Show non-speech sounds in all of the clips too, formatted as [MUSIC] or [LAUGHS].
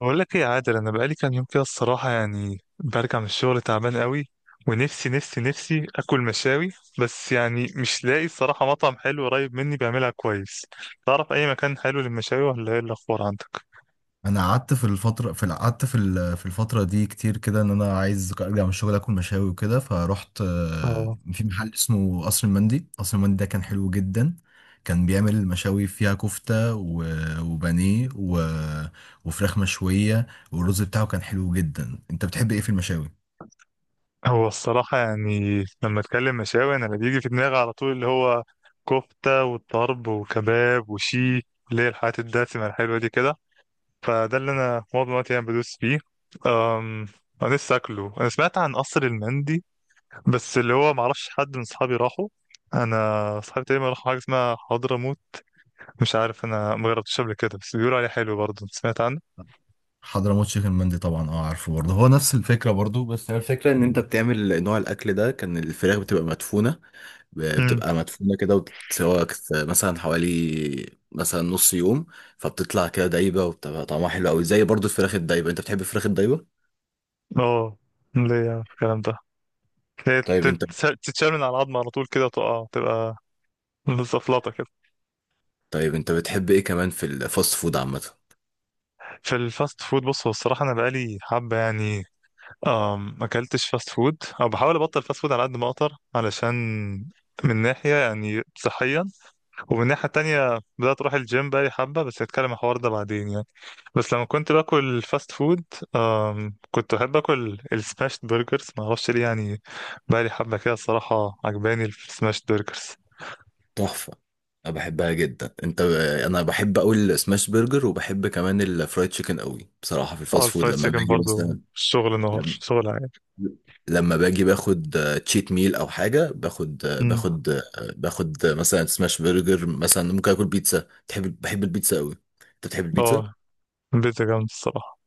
بقول لك ايه يا عادل، انا بقالي كام يوم كده الصراحه يعني برجع من الشغل تعبان قوي. ونفسي نفسي نفسي اكل مشاوي، بس يعني مش لاقي الصراحه مطعم حلو قريب مني بيعملها كويس. تعرف اي مكان حلو للمشاوي ولا ايه الاخبار عندك؟ انا قعدت في الفتره في في الفتره دي كتير كده ان انا عايز ارجع من الشغل اكل مشاوي وكده فروحت اه. في محل اسمه قصر المندي. قصر المندي ده كان حلو جدا، كان بيعمل مشاوي فيها كفته وبانيه وفراخ مشويه، والرز بتاعه كان حلو جدا. انت بتحب ايه في المشاوي؟ هو الصراحه يعني لما اتكلم مشاوي انا اللي بيجي في دماغي على طول اللي هو كفته وطرب وكباب وشيش، اللي هي الحاجات الدسمه الحلوه دي كده. فده اللي انا معظم الوقت يعني بدوس فيه. أم... انا لسه اكله. انا سمعت عن قصر المندي، بس اللي هو معرفش حد من اصحابي راحوا. انا اصحابي تقريبا راحوا حاجه اسمها حضرموت، مش عارف انا ما جربتش قبل كده بس بيقولوا عليه حلو برضه. انت سمعت عنه؟ حضرموت تشيكن مندي، طبعا اه عارفه برضه، هو نفس الفكره برضه. الفكرة ان انت بتعمل نوع الاكل ده، كان الفراخ بتبقى مدفونة، امم. بتبقى مدفونة كده وبتتسوى مثلا حوالي مثلا نص يوم. فبتطلع كده دايبة وبتبقى طعمها حلو قوي، زي برضو الفراخ الدايبة. انت بتحب الفراخ الدايبة؟ اه. ليه يا عم الكلام ده؟ هي طيب انت تتشال من على العظم على طول كده، تقع تبقى زفلطه كده. طيب انت بتحب ايه كمان في الفاست فود عامة؟ في الفاست فود بص، هو الصراحه انا بقالي حبه يعني، ما اكلتش فاست فود او بحاول ابطل فاست فود على قد ما اقدر، علشان من ناحيه يعني صحيه. ومن الناحية التانية بدأت أروح الجيم بقالي حبة، بس هتكلم عن الحوار ده بعدين يعني. بس لما كنت باكل فاست فود، كنت بحب أكل السماشت برجرز، معرفش ليه يعني. بقالي حبة كده الصراحة عجباني السماشت برجرز. تحفة، انا بحبها جدا. انا بحب قوي السماش برجر، وبحب كمان الفرايد تشيكن قوي بصراحة. في اه، الفاست فود الفرايد لما تشيكن باجي برضو مثلا، شغل نهار، شغل عادي. لما باجي باخد تشيت ميل او حاجه، باخد آه، مم. باخد آه، باخد آه، مثلا سماش برجر، مثلا ممكن اكل بيتزا. تحب، بحب البيتزا قوي. انت بتحب البيتزا؟ اه. البيتزا جامدة الصراحة.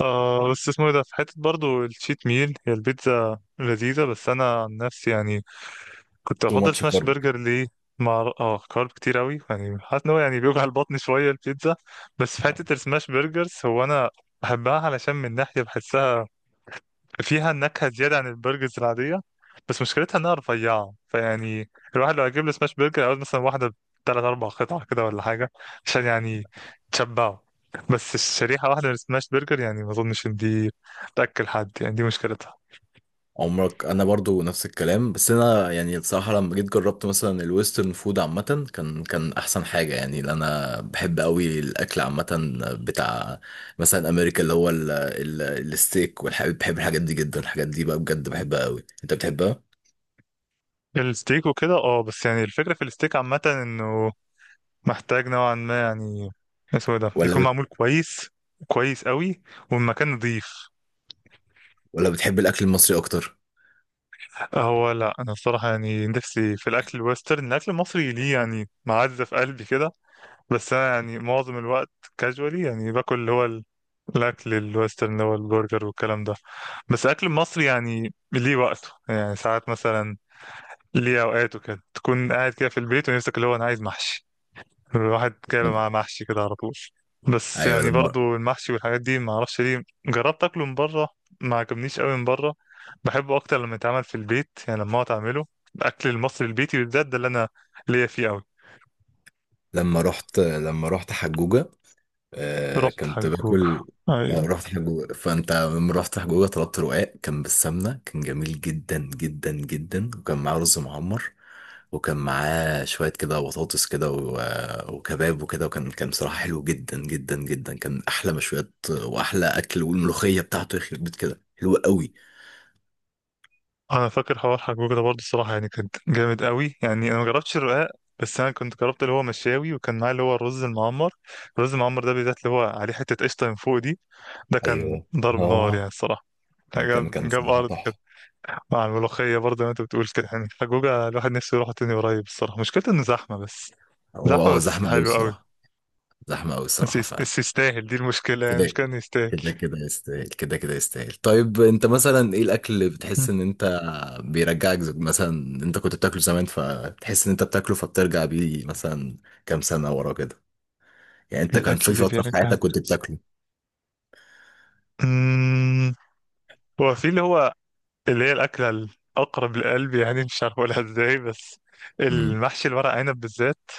آه بس اسمه ايه ده، في حتة برضو الشيت ميل، هي البيتزا لذيذة بس أنا عن نفسي يعني كنت تو بفضل ماتش سماش كارب. برجر. ليه؟ مع كارب كتير قوي يعني، حاسس ان هو يعني بيوجع البطن شويه البيتزا. بس في حته السماش برجرز، هو انا بحبها علشان من ناحيه بحسها فيها نكهه زياده عن البرجرز العاديه. بس مشكلتها انها رفيعه، فيعني الواحد لو هيجيب له سماش برجر عاوز مثلا واحده بثلاث اربع قطع كده ولا حاجه عشان يعني تشبعه. بس الشريحه واحده من السماش برجر يعني ما اظنش ان دي تاكل حد، يعني دي مشكلتها. عمرك، انا برضو نفس الكلام. بس انا يعني الصراحه لما جيت جربت مثلا الويسترن فود عامه كان احسن حاجه يعني، لأن انا بحب قوي الاكل عامه بتاع مثلا امريكا، اللي هو ال الستيك والحاجات. بحب الحاجات دي جدا، الحاجات دي بقى بجد بحبها قوي. انت بتحبها الستيك وكده اه، بس يعني الفكره في الستيك عامه انه محتاج نوعا ما يعني، اسمه إيه ده، يكون ولا معمول كويس، كويس قوي، والمكان نظيف. بتحب الاكل المصري اكتر؟ هو لا، انا الصراحه يعني نفسي في الاكل الويسترن. الاكل المصري ليه يعني معزه في قلبي كده، بس انا يعني معظم الوقت كاجوالي يعني باكل اللي هو الاكل الويسترن اللي هو البرجر والكلام ده. بس الاكل المصري يعني ليه وقته، يعني ساعات مثلا ليه اوقاته كده، تكون قاعد كده في البيت ونفسك اللي هو انا عايز محشي، الواحد جايبه لم- معاه محشي كده على طول. بس ايوه يعني لما، برضو المحشي والحاجات دي ما اعرفش ليه، جربت اكله من بره ما عجبنيش قوي من بره. بحبه اكتر لما يتعمل في البيت، يعني لما اقعد اعمله. الاكل المصري البيتي بالذات ده اللي انا ليا فيه قوي. لما رحت حجوجة، آه رحت كنت حجوج. باكل، ايوه. رحت حجوجة. فانت لما رحت حجوجة طلبت رقاق كان بالسمنة، كان جميل جدا جدا جدا، وكان معاه رز معمر وكان معاه شوية كده بطاطس كده وكباب وكده. وكان بصراحة حلو جدا جدا جدا، كان أحلى مشويات وأحلى أكل، والملوخية بتاعته يخرب بيت كده حلوة قوي. انا فاكر حوار حجوج ده برضو الصراحه يعني، كان جامد قوي يعني. انا ما جربتش الرقاق بس انا كنت جربت اللي هو مشاوي، وكان معاه اللي هو الرز المعمر. الرز المعمر ده بالذات اللي هو عليه حته قشطه من فوق دي، ده كان ايوه، ضرب نار يعني اه. الصراحه، كان جاب جاب صراحة ارض كده. تحفة. مع الملوخية برضه زي ما انت بتقول كده يعني، حجوجة الواحد نفسه يروح تاني قريب الصراحة، مشكلته انه زحمة بس. هو زحمة هو بس زحمة قوي حلو قوي. الصراحة، زحمة أوي بس الصراحة فعلا. يستاهل، دي المشكلة، يعني كده، المشكلة انه يستاهل. كده يستاهل، كده يستاهل. طيب أنت مثلا إيه الأكل اللي مم. بتحس إن أنت بيرجعك، مثلا أنت كنت بتاكله زمان فتحس إن أنت بتاكله فبترجع بيه مثلا كام سنة ورا كده؟ يعني أنت كان الأكل في اللي فترة في بيرجع. حياتك كنت بتاكله. مم. هو في اللي هو اللي هي الأكلة الأقرب للقلب يعني، مش عارف أقولها ازاي، بس امم. المحشي الورق عنب بالذات.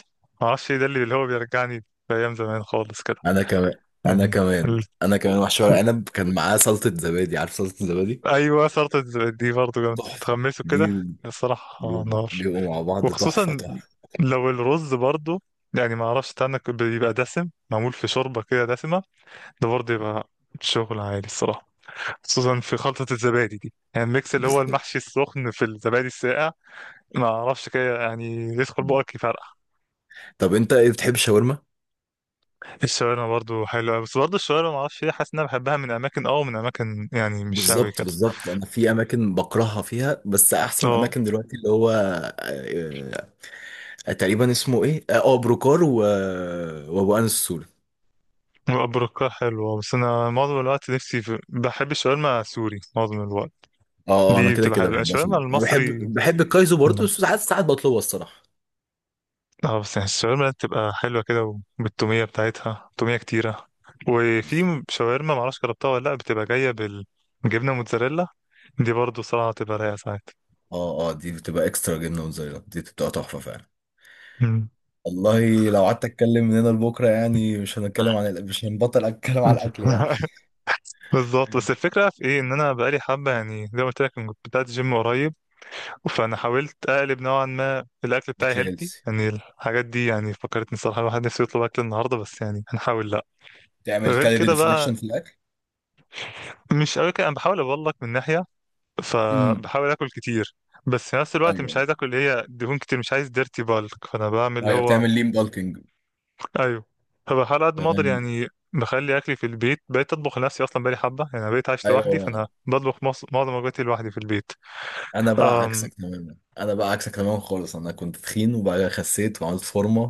معرفش ايه ده اللي اللي هو بيرجعني لأيام زمان خالص كده أنا كمان، يعني. ال... محشي ورق ال- عنب كان معاه سلطة زبادي. عارف سلطة زبادي؟ أيوه صارت. دي برضه جامدة تحفة تتغمسوا دي. كده، الصراحة بيبقوا نار. مع بعض تحفة، وخصوصا تحفة. لو الرز برضو يعني، ما اعرفش ده انا بيبقى دسم معمول في شوربه كده دسمه، ده برضه يبقى شغل عالي الصراحه. خصوصا في خلطه الزبادي دي، يعني الميكس اللي هو بالظبط. المحشي السخن في الزبادي الساقع، ما اعرفش كده يعني، يدخل بقك يفرقع. طب أنت إيه، بتحب الشاورما؟ الشاورما برضو حلوه أوي، بس برضو الشاورما ما اعرفش ليه، حاسس ان انا بحبها من اماكن ومن اماكن يعني مش قوي بالظبط، كده. بالظبط. انا في اماكن بكرهها فيها، بس احسن اه. اماكن دلوقتي اللي هو تقريبا اسمه ايه، اه بروكار و... وابو انس السوري. البركه حلوه، بس انا معظم الوقت نفسي في... بحب الشاورما سوري معظم الوقت. اه، انا دي كده بتبقى كده حلوه بحبها الشاورما سوري. انا المصري. بحب بحب الكايزو برضه، بس ساعات، بطلبها الصراحه. اه بس يعني الشاورما بتبقى حلوة كده، وبالتومية بتاعتها، تومية كتيرة. بالظبط. وفي شاورما معرفش جربتها ولا لأ، بتبقى جاية بالجبنة موتزاريلا، دي برضو صراحة بتبقى رايقة ساعات. اه، اه، دي بتبقى اكسترا جبنه موتزاريلا، دي بتبقى تحفه فعلا. مم. والله لو قعدت اتكلم من هنا لبكره يعني مش هنتكلم عن مش هنبطل اتكلم عن الاكل يعني. [LAUGHS] بالظبط. بس الفكرة في ايه، ان انا بقالي حبة يعني زي ما قلت لك كنت بدأت جيم قريب، فانا حاولت اقلب نوعا ما الاكل بتاعي اكل هيلثي هيلثي، يعني الحاجات دي. يعني فكرتني الصراحة، الواحد نفسه يطلب اكل النهاردة، بس يعني هنحاول لا. تعمل غير كالوري كده بقى، ديفليكشن في الاكل. مش قوي كده، انا بحاول اقول لك من ناحية، امم. فبحاول اكل كتير بس في نفس الوقت ايوه، مش عايز اكل اللي هي دهون كتير، مش عايز ديرتي بالك، فانا بعمل اللي ايوه هو بتعمل ليم بالكينج. ايوه. فبحاول على قد ما اقدر تمام. يعني بخلي اكلي في البيت، بقيت اطبخ لنفسي اصلا بقالي حبه يعني. انا بقيت عايش لوحدي، ايوه. فانا بطبخ معظم وجباتي لوحدي في البيت. أم... انا بقى عكسك تماما خالص. انا كنت تخين وبقى خسيت وعملت فورمه،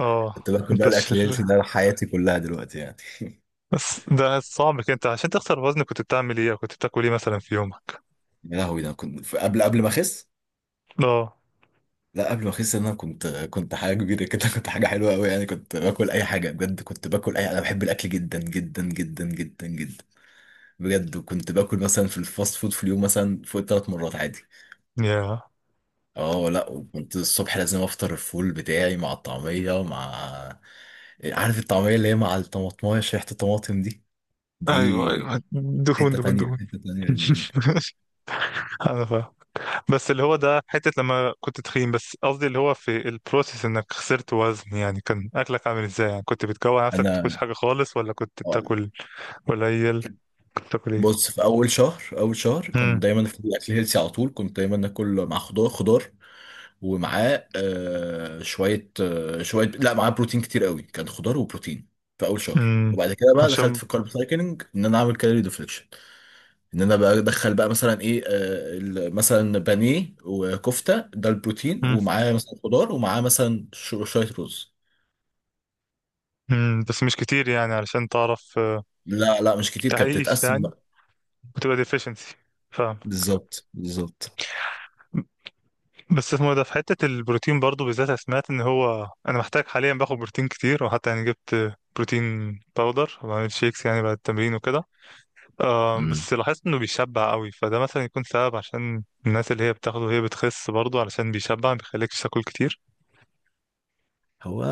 اه. باكل انت بقى الاكل الشر. الهيلثي ده حياتي كلها دلوقتي يعني. [LAUGHS] بس ده صعب كده. انت عشان تخسر وزن كنت بتعمل ايه أو كنت بتاكل ايه مثلا في يومك؟ يا لهوي، ده أنا كنت قبل ما اخس، اه. لا قبل ما اخس انا كنت حاجه كبيره كده. [LAUGHS] كنت حاجه حلوه قوي يعني، كنت باكل اي حاجه بجد، كنت باكل اي انا بحب الاكل جدا جدا جدا جدا جدا بجد. وكنت باكل مثلا في الفاست فود في اليوم مثلا فوق ثلاث مرات عادي. يا اه لا، كنت الصبح لازم افطر الفول بتاعي مع الطعمية، مع عارف الطعمية اللي هي مع الطماطماية، ريحة الطماطم دي، ايوه دي ايوه، دهون حتة دهون تانية، دهون. من الدنيا. [LAUGHS] انا فاهم. بس اللي هو ده حتة لما كنت تخين، بس قصدي اللي هو في البروسيس انك خسرت وزن يعني، كان اكلك عامل ازاي يعني؟ كنت بتجوع نفسك بتاكلش انا حاجة خالص ولا كنت آه، بتاكل قليل؟ كنت بتاكل ايه؟ بص في اول شهر، امم. كنت دايما في الاكل هيلسي على طول، كنت دايما اكل مع خضار، ومعاه آه شوية، لا معاه بروتين كتير قوي، كان خضار وبروتين في اول شهر. امم. وبعد كده بقى دخلت عشان. في الكارب سايكلينج، ان انا اعمل كالوري ديفليكشن. ان انا بقى ادخل بقى مثلا ايه، مثلا بانيه وكفته، ده البروتين، امم. ومعاه مثلا خضار، ومعاه مثلا شويه رز. امم، بس مش كتير يعني علشان تعرف لا لا مش كتير، كانت تعيش بتتقسم يعني بقى. وتبقى ديفيشنسي. فاهم. بالظبط، بالظبط. بس اسمه إيه ده، في حتة البروتين برضو بالذات، أنا سمعت ان هو انا محتاج حاليا باخد بروتين كتير، وحتى يعني جبت بروتين باودر وبعمل شيكس يعني بعد التمرين وكده. آه امم، بس لاحظت انه بيشبع قوي، فده مثلا يكون سبب عشان الناس اللي هي بتاخده وهي بتخس برضه، علشان بيشبع ما بيخليكش تاكل كتير. هو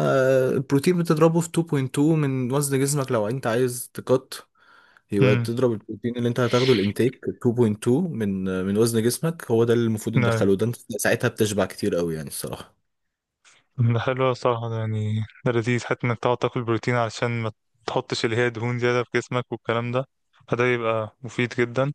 البروتين بتضربه في 2.2 من وزن جسمك لو انت عايز تقط، يبقى امم. تضرب البروتين اللي انت هتاخده الانتيك 2.2 من وزن جسمك. هو ده اللي المفروض ايوه. ندخله ده، انت ساعتها بتشبع كتير قوي يعني الصراحة. ده حلو أوي الصراحة، ده يعني ده لذيذ حتى انك تقعد تاكل بروتين علشان ما تحطش اللي هي دهون زيادة في جسمك والكلام ده، فده يبقى مفيد جدا.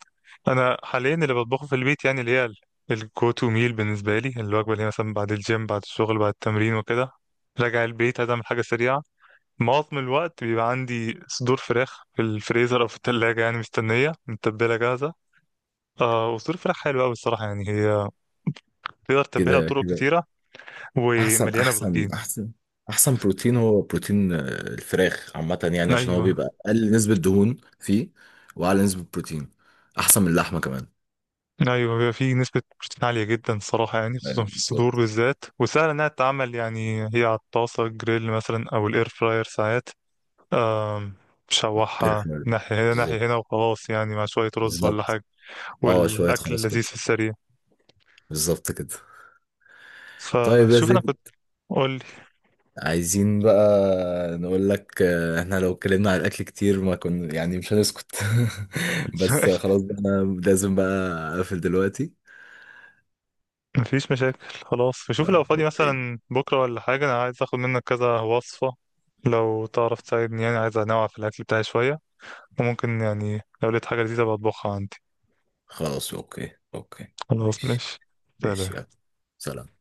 انا حاليا اللي بطبخه في البيت يعني اللي هي الجو تو ميل بالنسبة لي، الوجبة اللي هي مثلا بعد الجيم بعد الشغل بعد التمرين وكده، راجع البيت عايز اعمل حاجة سريعة. معظم الوقت بيبقى عندي صدور فراخ في الفريزر او في التلاجة يعني مستنية متبلة جاهزة. آه، وصدور فراخ حلوة أوي الصراحة يعني، هي تقدر تتبلها كده بطرق كده كتيرة احسن، ومليانة بروتين. احسن بروتين هو بروتين، الفراخ عامه يعني، عشان هو أيوه. بيبقى اقل نسبه دهون فيه، واعلى نسبه بروتين، احسن من اللحمه كمان. أيوه، بيبقى فيه نسبة بروتين عالية جدا الصراحة يعني، خصوصا أيوة، في الصدور بالظبط. بالذات، وسهل إنها تتعمل يعني. هي على الطاسة جريل مثلا أو الإير فراير ساعات، آم، تشوحها الفراخ. ناحية هنا ناحية هنا بالظبط، وخلاص يعني، مع شوية رز ولا بالظبط. حاجة. اه شويه والأكل خلاص لذيذ كده، في السريع. بالظبط كده. طيب يا فشوف أنا زين، كنت. قول. عايزين بقى نقول لك، احنا لو اتكلمنا عن الاكل كتير ما كنا يعني مش هنسكت. [LAUGHS] بس [LAUGHS] خلاص بقى انا لازم بقى اقفل دلوقتي. مفيش مشاكل. خلاص، شوف لو طيب فاضي اوكي. مثلا بكرة ولا حاجة، أنا عايز أخد منك كذا وصفة لو تعرف تساعدني يعني، عايز أنوع في الأكل بتاعي شوية، وممكن يعني لو لقيت حاجة لذيذة بطبخها عندي. خلاص اوكي، اوكي خلاص ماشي. ماشي. ماشي يلا. سلام. سلام.